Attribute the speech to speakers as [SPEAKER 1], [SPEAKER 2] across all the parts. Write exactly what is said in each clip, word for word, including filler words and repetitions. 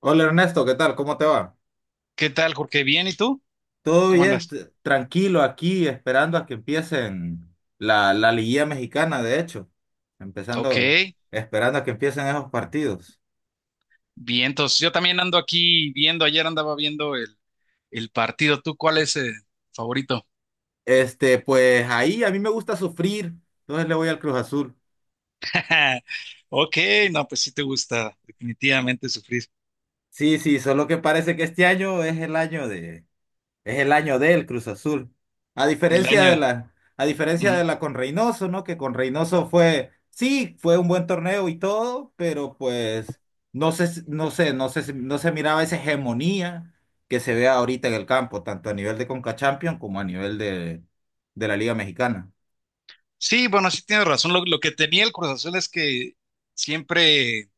[SPEAKER 1] Hola Ernesto, ¿qué tal? ¿Cómo te va?
[SPEAKER 2] ¿Qué tal, Jorge? ¿Bien? ¿Y tú?
[SPEAKER 1] Todo
[SPEAKER 2] ¿Cómo
[SPEAKER 1] bien,
[SPEAKER 2] andas?
[SPEAKER 1] t- tranquilo aquí, esperando a que empiecen la, la liguilla mexicana, de hecho,
[SPEAKER 2] Ok,
[SPEAKER 1] empezando, esperando a que empiecen esos partidos.
[SPEAKER 2] bien. Entonces, yo también ando aquí viendo, ayer andaba viendo el, el partido. ¿Tú cuál es el favorito?
[SPEAKER 1] Este, pues ahí a mí me gusta sufrir, entonces le voy al Cruz Azul.
[SPEAKER 2] Ok, no, pues sí te gusta definitivamente sufrir
[SPEAKER 1] Sí, sí, solo que parece que este año es el año de, Es el año del Cruz Azul. A
[SPEAKER 2] el
[SPEAKER 1] diferencia de
[SPEAKER 2] año.
[SPEAKER 1] la, a diferencia
[SPEAKER 2] Ujú.
[SPEAKER 1] de la con Reynoso, ¿no? Que con Reynoso fue, sí, fue un buen torneo y todo, pero pues no sé, si- no sé, no sé, si- no se miraba esa hegemonía que se ve ahorita en el campo, tanto a nivel de Conca Champions como a nivel de, de la Liga Mexicana.
[SPEAKER 2] Sí, bueno, sí tienes razón. Lo, lo que tenía el Cruz Azul es que siempre,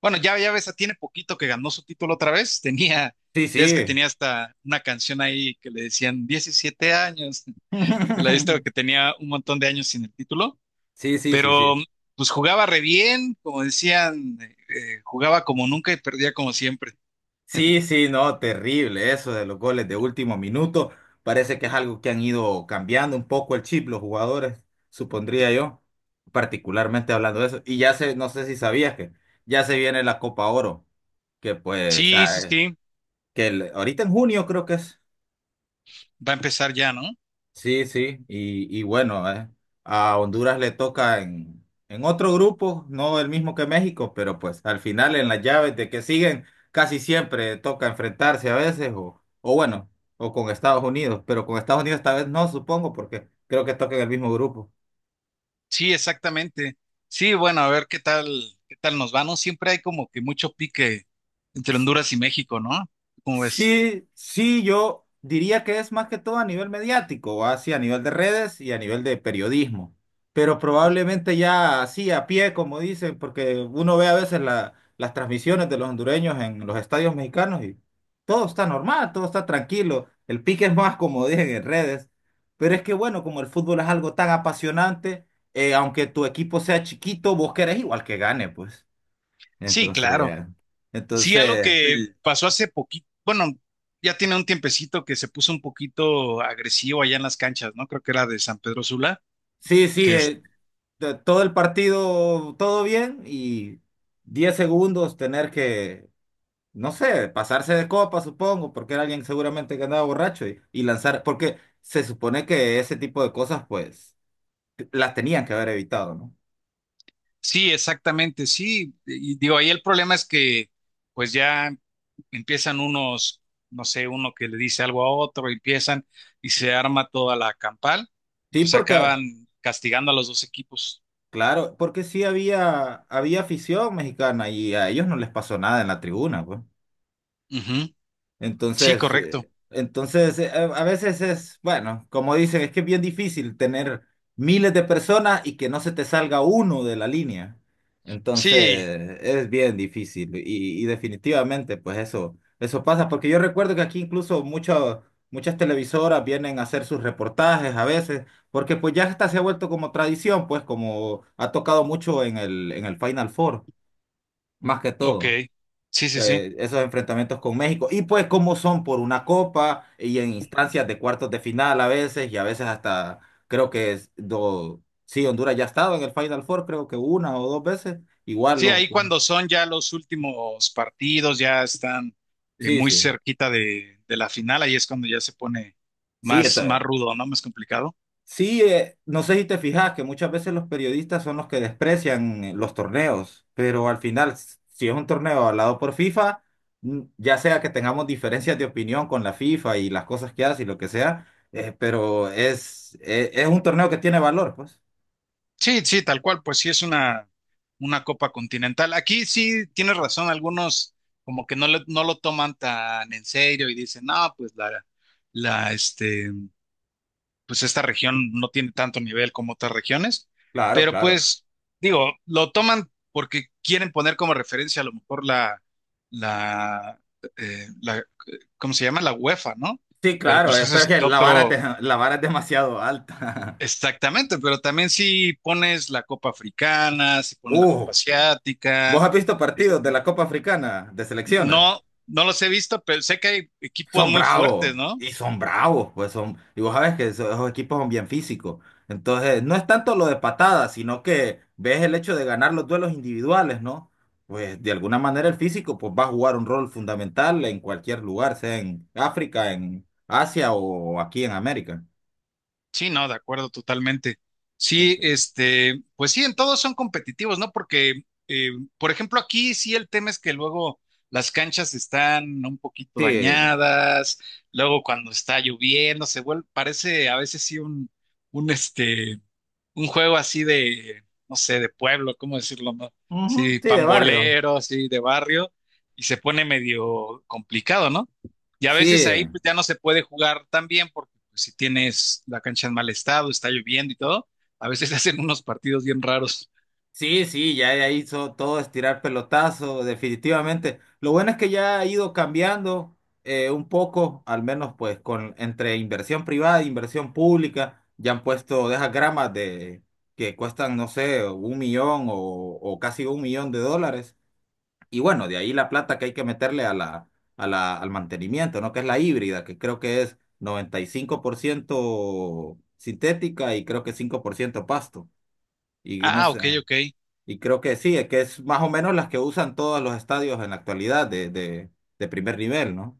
[SPEAKER 2] bueno, ya, ya ves, tiene poquito que ganó su título otra vez. Tenía,
[SPEAKER 1] Sí,
[SPEAKER 2] ya es que
[SPEAKER 1] sí.
[SPEAKER 2] tenía hasta una canción ahí que le decían diecisiete años. ¿Y la viste? Que tenía un montón de años sin el título.
[SPEAKER 1] Sí, sí, sí,
[SPEAKER 2] Pero
[SPEAKER 1] sí.
[SPEAKER 2] pues jugaba re bien, como decían, eh, eh, jugaba como nunca y perdía como siempre.
[SPEAKER 1] Sí, sí, no, terrible eso de los goles de último minuto. Parece que es algo que han ido cambiando un poco el chip los jugadores, supondría yo, particularmente hablando de eso. Y ya se, no sé si sabías que ya se viene la Copa Oro, que pues,
[SPEAKER 2] Sí, sí,
[SPEAKER 1] ah,
[SPEAKER 2] sí,
[SPEAKER 1] que el- ahorita en junio creo que es.
[SPEAKER 2] va a empezar ya, ¿no?
[SPEAKER 1] Sí, sí, y, y bueno, eh, a Honduras le toca en, en otro grupo, no el mismo que México, pero pues al final en las llaves de que siguen, casi siempre toca enfrentarse a veces, o, o bueno, o con Estados Unidos, pero con Estados Unidos esta vez no, supongo, porque creo que toca en el mismo grupo.
[SPEAKER 2] Sí, exactamente. Sí, bueno, a ver qué tal, qué tal nos va, ¿no? Siempre hay como que mucho pique entre Honduras y México, ¿no? ¿Cómo ves?
[SPEAKER 1] Sí, sí, yo diría que es más que todo a nivel mediático, así a nivel de redes y a nivel de periodismo, pero probablemente ya así a pie, como dicen, porque uno ve a veces la- las transmisiones de los hondureños en los estadios mexicanos y todo está normal, todo está tranquilo, el pique es más, como dicen, en redes, pero es que bueno, como el fútbol es algo tan apasionante, eh, aunque tu equipo sea chiquito, vos querés igual que gane, pues,
[SPEAKER 2] Sí, claro.
[SPEAKER 1] entonces...
[SPEAKER 2] Sí, algo
[SPEAKER 1] Entonces,
[SPEAKER 2] que sí pasó hace poquito, bueno, ya tiene un tiempecito que se puso un poquito agresivo allá en las canchas, ¿no? Creo que era de San Pedro Sula.
[SPEAKER 1] Sí, sí,
[SPEAKER 2] Que
[SPEAKER 1] eh, de- todo el partido, todo bien y diez segundos tener que, no sé, pasarse de copa, supongo, porque era alguien seguramente que andaba borracho y, y lanzar, porque se supone que ese tipo de cosas, pues, las tenían que haber evitado, ¿no?
[SPEAKER 2] sí, exactamente, sí. Y digo, ahí el problema es que pues ya empiezan unos, no sé, uno que le dice algo a otro, empiezan y se arma toda la campal y
[SPEAKER 1] Sí,
[SPEAKER 2] pues
[SPEAKER 1] porque,
[SPEAKER 2] acaban castigando a los dos equipos.
[SPEAKER 1] claro, porque sí había, había afición mexicana y a ellos no les pasó nada en la tribuna, pues.
[SPEAKER 2] Ujú. Sí,
[SPEAKER 1] Entonces,
[SPEAKER 2] correcto.
[SPEAKER 1] eh, entonces eh, a a veces es, bueno, como dicen, es que es bien difícil tener miles de personas y que no se te salga uno de la línea.
[SPEAKER 2] Sí,
[SPEAKER 1] Entonces, es bien difícil y, y definitivamente, pues eso, eso pasa, porque yo recuerdo que aquí incluso muchas muchas televisoras vienen a hacer sus reportajes a veces, porque pues ya hasta se ha vuelto como tradición, pues como ha tocado mucho en el, en el Final Four, más que
[SPEAKER 2] ok.
[SPEAKER 1] todo
[SPEAKER 2] Sí, sí, sí.
[SPEAKER 1] eh, esos enfrentamientos con México. Y pues como son por una copa y en instancias de cuartos de final a veces y a veces hasta creo que es do- sí, Honduras ya ha estado en el Final Four, creo que una o dos veces. Igual
[SPEAKER 2] Sí,
[SPEAKER 1] no.
[SPEAKER 2] ahí cuando son ya los últimos partidos, ya están eh,
[SPEAKER 1] Sí,
[SPEAKER 2] muy
[SPEAKER 1] sí.
[SPEAKER 2] cerquita de, de la final, ahí es cuando ya se pone
[SPEAKER 1] Sí,
[SPEAKER 2] más,
[SPEAKER 1] esto-
[SPEAKER 2] más rudo, ¿no? Más complicado.
[SPEAKER 1] Sí, eh, no sé si te fijas que muchas veces los periodistas son los que desprecian eh, los torneos, pero al final, s- si es un torneo avalado por FIFA, mm, ya sea que tengamos diferencias de opinión con la FIFA y las cosas que hace y lo que sea, eh, pero es, e- es un torneo que tiene valor, pues.
[SPEAKER 2] Sí, sí, tal cual, pues sí es una, una copa continental. Aquí sí tienes razón, algunos como que no, le- no lo toman tan en serio y dicen, no, pues la, la, este, pues esta región no tiene tanto nivel como otras regiones,
[SPEAKER 1] Claro,
[SPEAKER 2] pero
[SPEAKER 1] claro.
[SPEAKER 2] pues digo, lo toman porque quieren poner como referencia a lo mejor la, la, eh, la, ¿cómo se llama? La UEFA, ¿no?
[SPEAKER 1] Sí,
[SPEAKER 2] Pero
[SPEAKER 1] claro,
[SPEAKER 2] pues
[SPEAKER 1] es
[SPEAKER 2] ese
[SPEAKER 1] pero
[SPEAKER 2] es
[SPEAKER 1] que la vara es,
[SPEAKER 2] otro.
[SPEAKER 1] de- la vara es demasiado alta.
[SPEAKER 2] Exactamente, pero también si pones la copa africana, si pones la
[SPEAKER 1] Uh,
[SPEAKER 2] copa
[SPEAKER 1] ¿vos
[SPEAKER 2] asiática,
[SPEAKER 1] has visto
[SPEAKER 2] es-
[SPEAKER 1] partidos de la Copa Africana de selecciones?
[SPEAKER 2] no, no los he visto, pero sé que hay equipos
[SPEAKER 1] Son
[SPEAKER 2] muy fuertes,
[SPEAKER 1] bravos
[SPEAKER 2] ¿no?
[SPEAKER 1] y son bravos, pues son, y vos sabes que esos, esos equipos son bien físicos. Entonces, no es tanto lo de patadas, sino que ves el hecho de ganar los duelos individuales, ¿no? Pues de alguna manera el físico pues va a jugar un rol fundamental en cualquier lugar, sea en África, en Asia o aquí en América.
[SPEAKER 2] Sí, no, de acuerdo, totalmente. Sí,
[SPEAKER 1] Ent-
[SPEAKER 2] este, pues sí, en todos son competitivos, ¿no? Porque, eh, por ejemplo, aquí sí el tema es que luego las canchas están un poquito
[SPEAKER 1] Sí,
[SPEAKER 2] dañadas, luego cuando está lloviendo se vuelve, parece a veces sí un, un este un juego así de, no sé, de pueblo, ¿cómo decirlo? ¿No?
[SPEAKER 1] ujú,
[SPEAKER 2] Sí,
[SPEAKER 1] sí, de barrio.
[SPEAKER 2] pambolero, así de barrio, y se pone medio complicado, ¿no? Y a veces
[SPEAKER 1] Sí,
[SPEAKER 2] ahí pues, ya no se puede jugar tan bien porque pues, si tienes la cancha en mal estado, está lloviendo y todo, a veces hacen unos partidos bien raros.
[SPEAKER 1] sí, sí, ya ya hizo todo estirar tirar pelotazo, definitivamente. Lo bueno es que ya ha ido cambiando eh, un poco, al menos pues con entre inversión privada e inversión pública, ya han puesto de esas gramas de que cuestan, no sé, un millón o, o casi un millón de dólares. Y bueno, de ahí la plata que hay que meterle a la, a la, al mantenimiento, ¿no? Que es la híbrida, que creo que es noventa y cinco por ciento sintética y creo que cinco por ciento pasto. Y no
[SPEAKER 2] Ah,
[SPEAKER 1] sé.
[SPEAKER 2] ok, ok.
[SPEAKER 1] Y creo que sí, es que es más o menos las que usan todos los estadios en la actualidad de, de, de primer nivel, ¿no?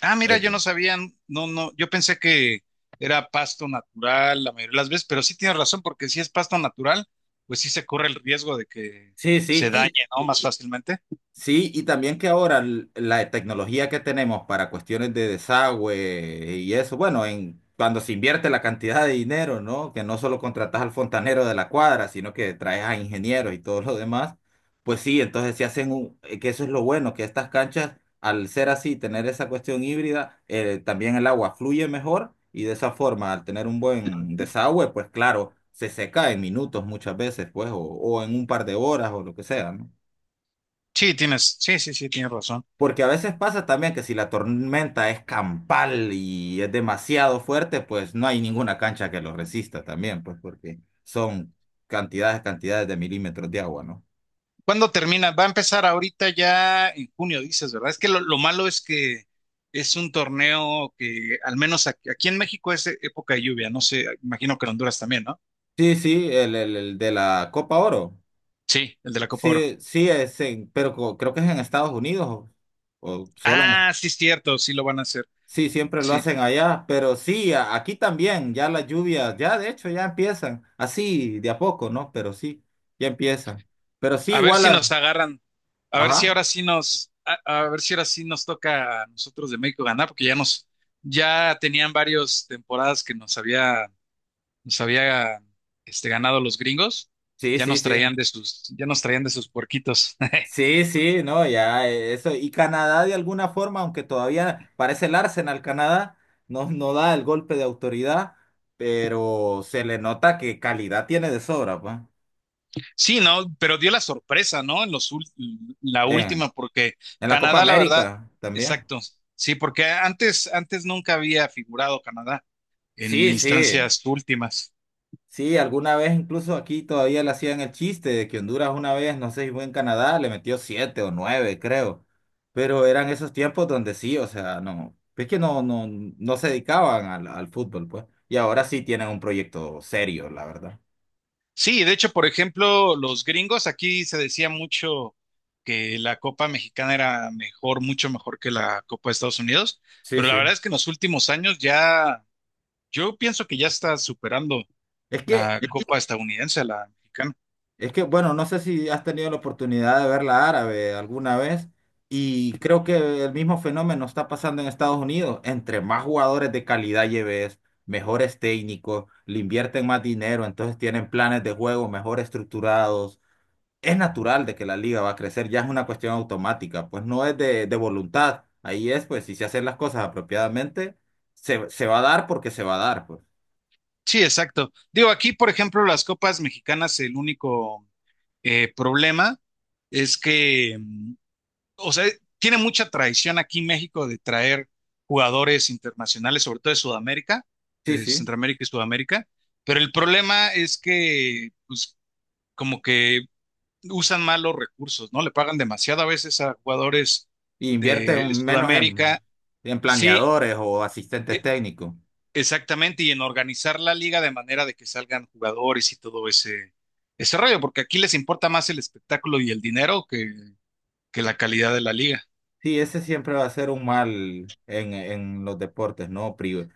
[SPEAKER 2] Ah, mira, yo
[SPEAKER 1] Este.
[SPEAKER 2] no sabía, no, no, yo pensé que era pasto natural la mayoría de las veces, pero sí tienes razón porque si es pasto natural, pues sí se corre el riesgo de que
[SPEAKER 1] Sí,
[SPEAKER 2] se dañe,
[SPEAKER 1] sí,
[SPEAKER 2] ¿no? Más fácilmente.
[SPEAKER 1] sí, y también que ahora l- la tecnología que tenemos para cuestiones de desagüe y eso, bueno, en cuando se invierte la cantidad de dinero, ¿no? Que no solo contratas al fontanero de la cuadra, sino que traes a ingenieros y todo lo demás, pues sí, entonces se hacen un, eh, que eso es lo bueno, que estas canchas, al ser así, tener esa cuestión híbrida, eh, también el agua fluye mejor y de esa forma, al tener un buen desagüe, pues claro, se seca en minutos muchas veces, pues, o, o en un par de horas o lo que sea, ¿no?
[SPEAKER 2] Sí, tienes, sí, sí, sí, tienes razón.
[SPEAKER 1] Porque a veces pasa también que si la tormenta es campal y es demasiado fuerte, pues no hay ninguna cancha que lo resista también, pues porque son cantidades, cantidades de milímetros de agua, ¿no?
[SPEAKER 2] ¿Cuándo termina? Va a empezar ahorita ya en junio, dices, ¿verdad? Es que lo, lo malo es que es un torneo que, al menos aquí, aquí en México, es e- época de lluvia. No sé, imagino que en Honduras también, ¿no?
[SPEAKER 1] Sí, sí, el, el, el de la Copa Oro.
[SPEAKER 2] Sí, el de la Copa Oro.
[SPEAKER 1] Sí, sí, es en- pero co- creo que es en Estados Unidos o, o solo en.
[SPEAKER 2] Ah, sí, es cierto, sí lo van a hacer.
[SPEAKER 1] Sí, siempre lo
[SPEAKER 2] Sí.
[SPEAKER 1] hacen allá, pero sí, a- aquí también, ya las lluvias, ya de hecho ya empiezan, así de a poco, ¿no? Pero sí, ya empiezan. Pero sí,
[SPEAKER 2] A ver
[SPEAKER 1] igual
[SPEAKER 2] si nos
[SPEAKER 1] a.
[SPEAKER 2] agarran. A ver si
[SPEAKER 1] Ajá.
[SPEAKER 2] ahora sí nos, a, a ver si ahora sí nos toca a nosotros de México ganar, porque ya nos, ya tenían varias temporadas que nos había nos había este, ganado los gringos,
[SPEAKER 1] Sí,
[SPEAKER 2] ya
[SPEAKER 1] sí,
[SPEAKER 2] nos
[SPEAKER 1] sí.
[SPEAKER 2] traían de sus, ya nos traían de sus puerquitos.
[SPEAKER 1] Sí, sí, no, ya eh, eso. Y Canadá de alguna forma, aunque todavía parece el Arsenal Canadá, no, no da el golpe de autoridad, pero se le nota que calidad tiene de sobra, pues.
[SPEAKER 2] Sí, no, pero dio la sorpresa, ¿no? En los ul- la
[SPEAKER 1] En,
[SPEAKER 2] última, porque
[SPEAKER 1] en la Copa
[SPEAKER 2] Canadá, la verdad,
[SPEAKER 1] América también.
[SPEAKER 2] exacto. Sí, porque antes, antes nunca había figurado Canadá en
[SPEAKER 1] Sí, sí.
[SPEAKER 2] instancias últimas.
[SPEAKER 1] Sí, alguna vez incluso aquí todavía le hacían el chiste de que Honduras una vez, no sé si fue en Canadá, le metió siete o nueve, creo. Pero eran esos tiempos donde sí, o sea, no, es que no, no, no se dedicaban al, al fútbol, pues. Y ahora sí tienen un proyecto serio, la verdad.
[SPEAKER 2] Sí, de hecho, por ejemplo, los gringos, aquí se decía mucho que la Copa Mexicana era mejor, mucho mejor que la Copa de Estados Unidos,
[SPEAKER 1] Sí,
[SPEAKER 2] pero la
[SPEAKER 1] sí.
[SPEAKER 2] verdad es que en los últimos años ya yo pienso que ya está superando
[SPEAKER 1] Es que
[SPEAKER 2] la copa estadounidense, a la mexicana.
[SPEAKER 1] Es que, bueno, no sé si has tenido la oportunidad de verla árabe alguna vez y creo que el mismo fenómeno está pasando en Estados Unidos. Entre más jugadores de calidad lleves, mejores técnicos, le invierten más dinero, entonces tienen planes de juego mejor estructurados. Es natural de que la liga va a crecer, ya es una cuestión automática, pues no es de, de voluntad. Ahí es, pues, si se hacen las cosas apropiadamente, se, se va a dar porque se va a dar, pues.
[SPEAKER 2] Sí, exacto. Digo, aquí, por ejemplo, las copas mexicanas, el único eh, problema es que, mm, o sea, tiene mucha tradición aquí México de traer jugadores internacionales, sobre todo de Sudamérica,
[SPEAKER 1] Sí,
[SPEAKER 2] de
[SPEAKER 1] sí.
[SPEAKER 2] Centroamérica y Sudamérica, pero el problema es que, pues, como que usan mal los recursos, ¿no? Le pagan demasiado a veces a jugadores
[SPEAKER 1] Y invierte
[SPEAKER 2] de
[SPEAKER 1] un- menos en,
[SPEAKER 2] Sudamérica.
[SPEAKER 1] en
[SPEAKER 2] Sí.
[SPEAKER 1] planeadores o asistentes
[SPEAKER 2] e-
[SPEAKER 1] técnicos.
[SPEAKER 2] Exactamente, y en organizar la liga de manera de que salgan jugadores y todo ese, ese rollo, porque aquí les importa más el espectáculo y el dinero que, que la calidad de la liga.
[SPEAKER 1] Sí, ese siempre va a ser un mal en, en los deportes, ¿no? Pri-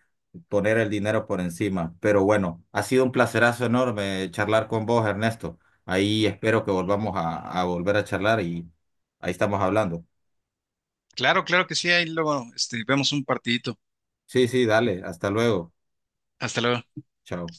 [SPEAKER 1] poner el dinero por encima. Pero bueno, ha sido un placerazo enorme charlar con vos, Ernesto. Ahí espero que volvamos a, a volver a charlar y ahí estamos hablando.
[SPEAKER 2] Claro, claro que sí, ahí luego este, vemos un partidito.
[SPEAKER 1] Sí, sí, dale, hasta luego.
[SPEAKER 2] Hasta luego.
[SPEAKER 1] Chao.